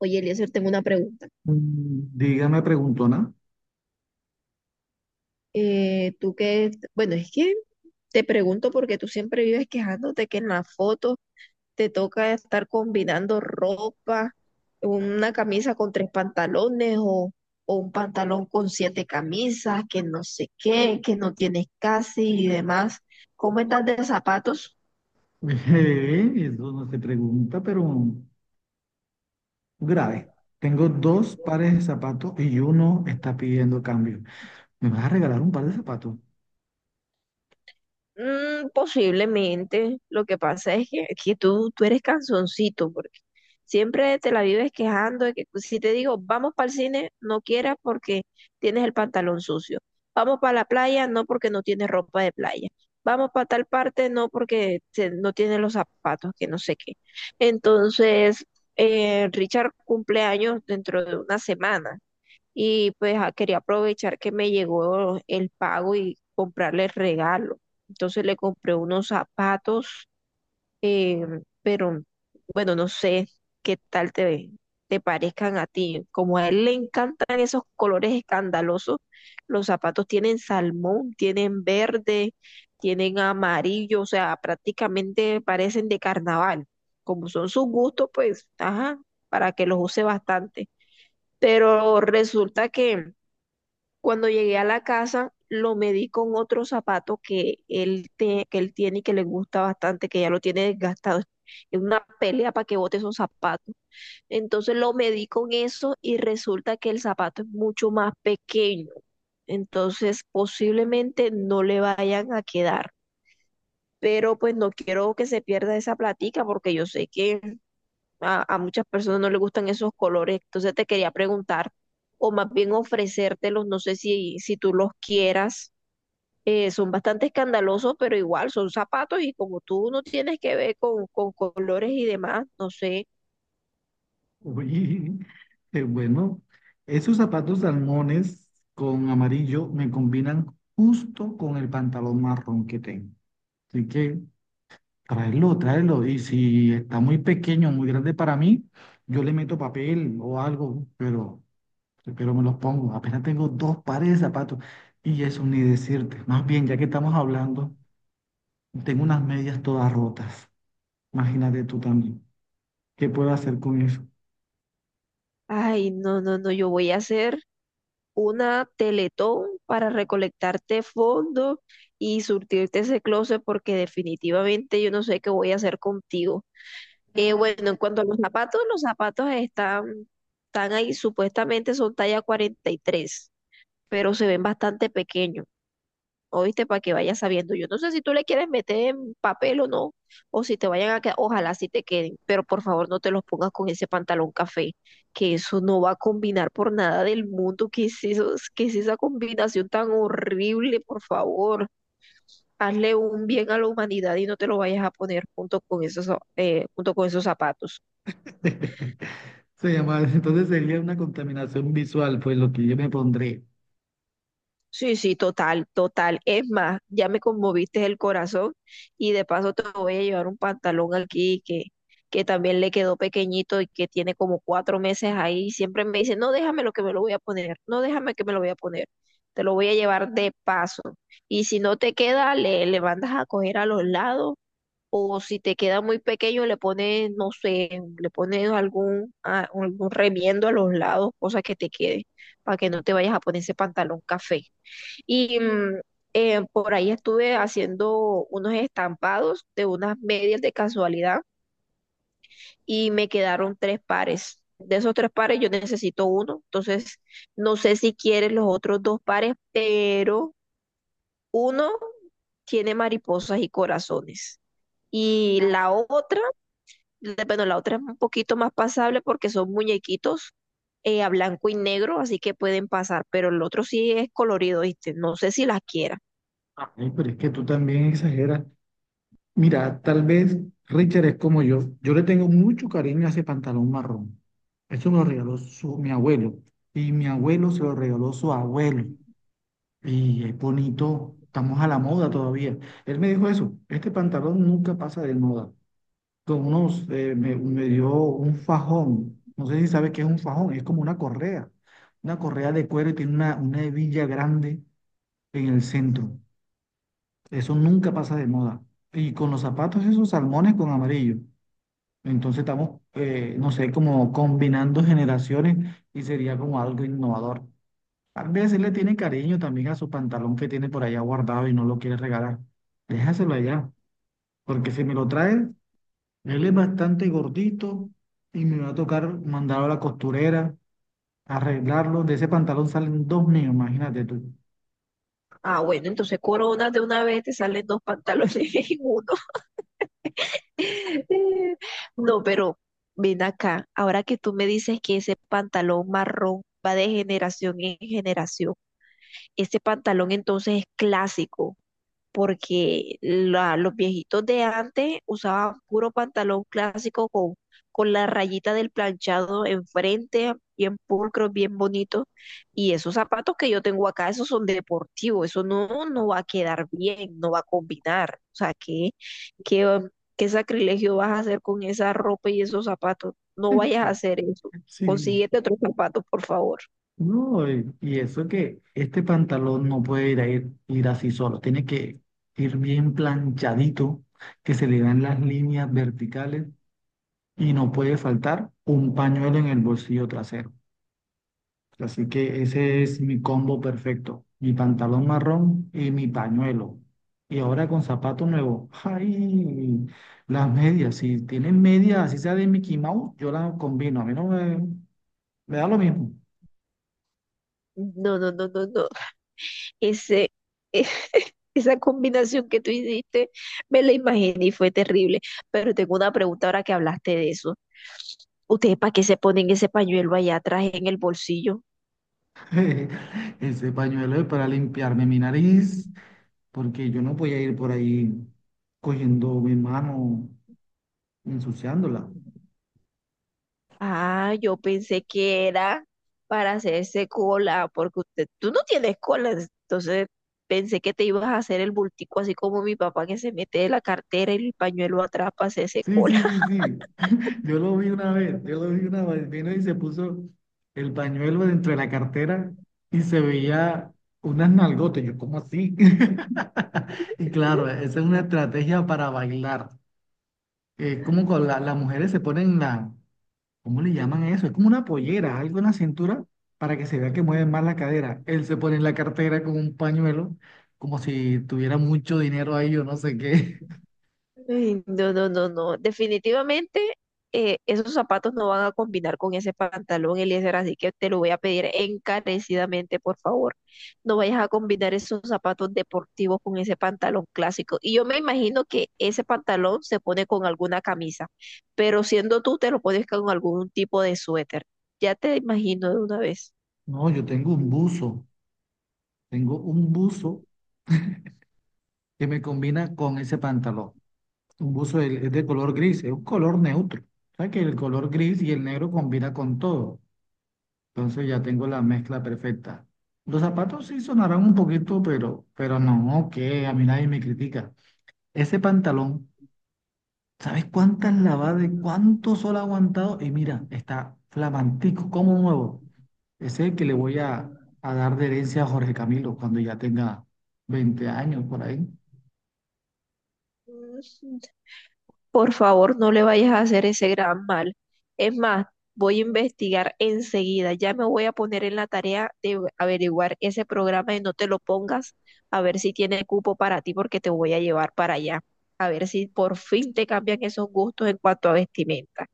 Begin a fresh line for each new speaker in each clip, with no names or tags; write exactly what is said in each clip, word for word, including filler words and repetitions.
Oye, Eliezer, tengo una pregunta.
Mm, dígame, preguntona.
Eh, tú que, bueno, es que te pregunto porque tú siempre vives quejándote que en la foto te toca estar combinando ropa, una camisa con tres pantalones o, o un pantalón con siete camisas, que no sé qué, que no tienes casi y demás. ¿Cómo estás de zapatos?
Eh, Eso no se pregunta, pero grave. Tengo dos pares de zapatos y uno está pidiendo cambio. ¿Me vas a regalar un par de zapatos?
Mm, posiblemente. Lo que pasa es que, que tú, tú eres cansoncito porque siempre te la vives quejando de que pues, si te digo, vamos para el cine, no quieras porque tienes el pantalón sucio. Vamos para la playa, no porque no tienes ropa de playa. Vamos para tal parte, no porque se- no tienes los zapatos, que no sé qué. Entonces, eh, Richard cumple años dentro de una semana y pues ah, quería aprovechar que me llegó el pago y comprarle el regalo. Entonces le compré unos zapatos, eh, pero bueno, no sé qué tal te, te parezcan a ti. Como a él le encantan esos colores escandalosos, los zapatos tienen salmón, tienen verde, tienen amarillo, o sea, prácticamente parecen de carnaval. Como son sus gustos, pues, ajá, para que los use bastante. Pero resulta que cuando llegué a la casa, lo medí con otro zapato que él, te- que él tiene y que le gusta bastante, que ya lo tiene desgastado. Es una pelea para que bote esos zapatos. Entonces lo medí con eso y resulta que el zapato es mucho más pequeño. Entonces posiblemente no le vayan a quedar. Pero pues no quiero que se pierda esa platica porque yo sé que a, a muchas personas no les gustan esos colores, entonces te quería preguntar, o más bien ofrecértelos, no sé si, si tú los quieras. Eh, son bastante escandalosos, pero igual son zapatos y como tú no tienes que ver con, con colores y demás, no sé.
Uy, eh, bueno, esos zapatos salmones con amarillo me combinan justo con el pantalón marrón que tengo. Así que tráelo, tráelo. Y si está muy pequeño, muy grande para mí, yo le meto papel o algo, pero... pero me los pongo. Apenas tengo dos pares de zapatos. Y eso ni decirte. Más bien, ya que estamos hablando, tengo unas medias todas rotas. Imagínate tú también. ¿Qué puedo hacer con eso?
Ay, no, no, no, yo voy a hacer una teletón para recolectarte fondos y surtirte ese closet porque definitivamente yo no sé qué voy a hacer contigo. Eh, bueno, en cuanto a los zapatos, los zapatos están, están ahí, supuestamente son talla cuarenta y tres pero se ven bastante pequeños. Oíste, para que vayas sabiendo. Yo no sé si tú le quieres meter en papel o no, o si te vayan a quedar, ojalá si te queden, pero por favor no te los pongas con ese pantalón café, que eso no va a combinar por nada del mundo. ¿Qué es eso? ¿Qué es esa combinación tan horrible? Por favor, hazle un bien a la humanidad y no te lo vayas a poner junto con esos, eh, junto con esos zapatos.
Se llama, entonces sería una contaminación visual, pues lo que yo me pondré.
Sí, sí, total, total. Es más, ya me conmoviste el corazón y de paso te voy a llevar un pantalón aquí que, que también le quedó pequeñito y que tiene como cuatro meses ahí. Y siempre me dice, no, déjame lo que me lo voy a poner, no, déjame que me lo voy a poner. Te lo voy a llevar de paso. Y si no te queda, le, le mandas a coger a los lados o si te queda muy pequeño, le pones, no sé, le pones algún, a- algún remiendo a los lados, cosa que te quede, para que no te vayas a poner ese pantalón café. Y mm, eh, por ahí estuve haciendo unos estampados de unas medias de casualidad y me quedaron tres pares. De esos tres pares yo necesito uno, entonces no sé si quieres los otros dos pares, pero uno tiene mariposas y corazones. Y la otra, la- bueno, la otra es un poquito más pasable porque son muñequitos eh, a blanco y negro, así que pueden pasar, pero el otro sí es colorido, ¿viste? No sé si las quieras.
Ay, pero es que tú también exageras. Mira, tal vez Richard es como yo. Yo le tengo mucho cariño a ese pantalón marrón. Eso me lo regaló su, mi abuelo. Y mi abuelo se lo regaló su abuelo. Y es bonito, estamos a la moda todavía. Él me dijo eso, este pantalón nunca pasa de moda. Con unos, eh, me, me dio un fajón, no sé si sabes qué es un fajón, es como una correa, una correa de cuero y tiene una, una hebilla grande en el centro. Eso nunca pasa de moda. Y con los zapatos esos salmones con amarillo. Entonces estamos, eh, no sé, como combinando generaciones y sería como algo innovador. Tal vez él le tiene cariño también a su pantalón que tiene por allá guardado y no lo quiere regalar. Déjaselo allá, porque si me lo trae, él es bastante gordito y me va a tocar mandarlo a la costurera, arreglarlo. De ese pantalón salen dos niños, imagínate tú.
Ah, bueno, entonces coronas de una vez te salen dos pantalones en uno. No, pero ven acá, ahora que tú me dices que ese pantalón marrón va de generación en generación, ese pantalón entonces es clásico porque la- los viejitos de antes usaban puro pantalón clásico con, con la rayita del planchado enfrente, bien pulcro, bien bonito. Y esos zapatos que yo tengo acá, esos son deportivos, eso no, no va a quedar bien, no va a combinar. O sea, ¿qué, qué, qué sacrilegio vas a hacer con esa ropa y esos zapatos? No vayas a hacer eso.
Sí.
Consíguete otros zapatos, por favor.
No, y y eso que este pantalón no puede ir, a ir, ir así solo, tiene que ir bien planchadito, que se le vean las líneas verticales y no puede faltar un pañuelo en el bolsillo trasero. Así que ese es mi combo perfecto. Mi pantalón marrón y mi pañuelo. Y ahora con zapato nuevo. ¡Ay! Las medias. Si tienen medias, así sea de Mickey Mouse, yo las combino. A mí no me, me da lo mismo.
No, no, no, no, no. Ese, e- esa combinación que tú hiciste, me la imaginé y fue terrible. Pero tengo una pregunta ahora que hablaste de eso. ¿Ustedes para qué se ponen ese pañuelo allá atrás en el bolsillo?
Ese pañuelo es para limpiarme mi nariz, porque yo no voy a ir por ahí cogiendo mi mano, ensuciándola.
Ah, yo pensé que era para hacerse cola, porque usted, tú no tienes cola, entonces pensé que te ibas a hacer el bultico así como mi papá que se mete la cartera y el pañuelo atrás para hacerse
Sí,
cola.
sí, sí, sí. Yo lo vi una vez, yo lo vi una vez, vino y se puso el pañuelo dentro de la cartera y se veía unas nalgotas, yo ¿cómo así? Y claro, esa es una estrategia para bailar. Eh, como con la- las mujeres se ponen la, ¿cómo le llaman eso? Es como una pollera, algo en la cintura para que se vea que mueven más la cadera. Él se pone en la cartera con un pañuelo, como si tuviera mucho dinero ahí, yo no sé qué.
Ay, no, no, no, no. Definitivamente eh, esos zapatos no van a combinar con ese pantalón, Eliezer, así que te lo voy a pedir encarecidamente, por favor. No vayas a combinar esos zapatos deportivos con ese pantalón clásico. Y yo me imagino que ese pantalón se pone con alguna camisa, pero siendo tú, te lo pones con algún tipo de suéter. Ya te imagino de una vez.
No, yo tengo un buzo, tengo un buzo que me combina con ese pantalón. Un buzo de- es de color gris, es un color neutro. O sea que el color gris y el negro combina con todo. Entonces ya tengo la mezcla perfecta. Los zapatos sí sonarán un poquito, pero, pero no, que a mí nadie me critica. Ese pantalón, ¿sabes cuántas lavadas y cuánto sol ha aguantado? Y mira, está flamantico, como nuevo. Ese es el que le voy a, a dar de herencia a Jorge Camilo cuando ya tenga veinte años por ahí.
Por favor, no le vayas a hacer ese gran mal. Es más, voy a investigar enseguida. Ya me voy a poner en la tarea de averiguar ese programa y no te lo pongas a ver si tiene cupo para ti porque te voy a llevar para allá. A ver si por fin te cambian esos gustos en cuanto a vestimenta.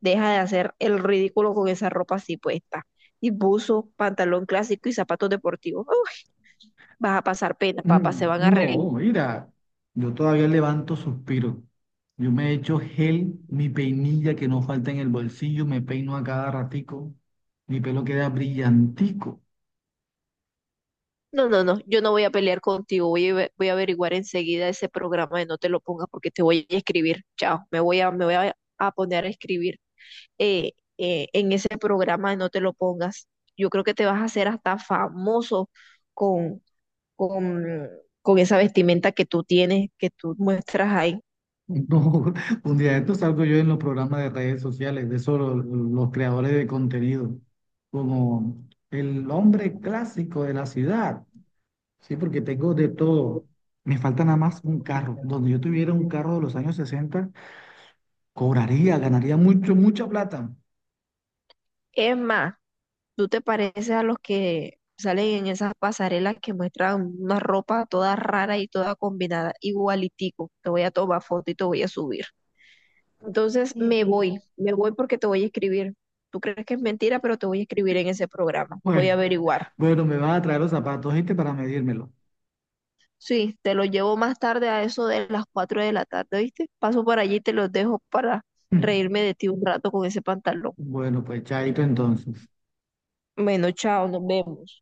Deja de hacer el ridículo con esa ropa así puesta. Y buzo, pantalón clásico y zapatos deportivos. Uf, vas a pasar pena, papá, se
Mm,
van a
no,
reír.
mira, yo todavía levanto suspiros. Yo me echo gel, mi peinilla que no falta en el bolsillo, me peino a cada ratico, mi pelo queda brillantico.
No, no, no, yo no voy a pelear contigo, voy a, ve- voy a averiguar enseguida ese programa de no te lo pongas porque te voy a escribir, chao, me voy a, me voy a, a poner a escribir eh, eh, en ese programa de no te lo pongas. Yo creo que te vas a hacer hasta famoso con, con, con esa vestimenta que tú tienes, que tú muestras ahí.
No, un día de esto salgo yo en los programas de redes sociales, de eso lo- los creadores de contenido, como el hombre clásico de la ciudad, sí, porque tengo de todo. Me falta nada más un carro. Donde yo tuviera un carro de los años sesenta, cobraría, ganaría mucho, mucha plata.
Es más, tú te pareces a los que salen en esas pasarelas que muestran una ropa toda rara y toda combinada, igualitico. Te voy a tomar foto y te voy a subir. Entonces me
Mm.
voy, me voy porque te voy a escribir. Tú crees que es mentira, pero te voy a escribir en ese programa. Voy
Pues,
a averiguar.
bueno, me vas a traer los zapatos, ¿viste? Para medírmelo.
Sí, te lo llevo más tarde a eso de las cuatro de la tarde, ¿viste? Paso por allí y te los dejo para reírme de ti un rato con ese pantalón.
Bueno, pues chaito entonces.
Bueno, chao, nos vemos.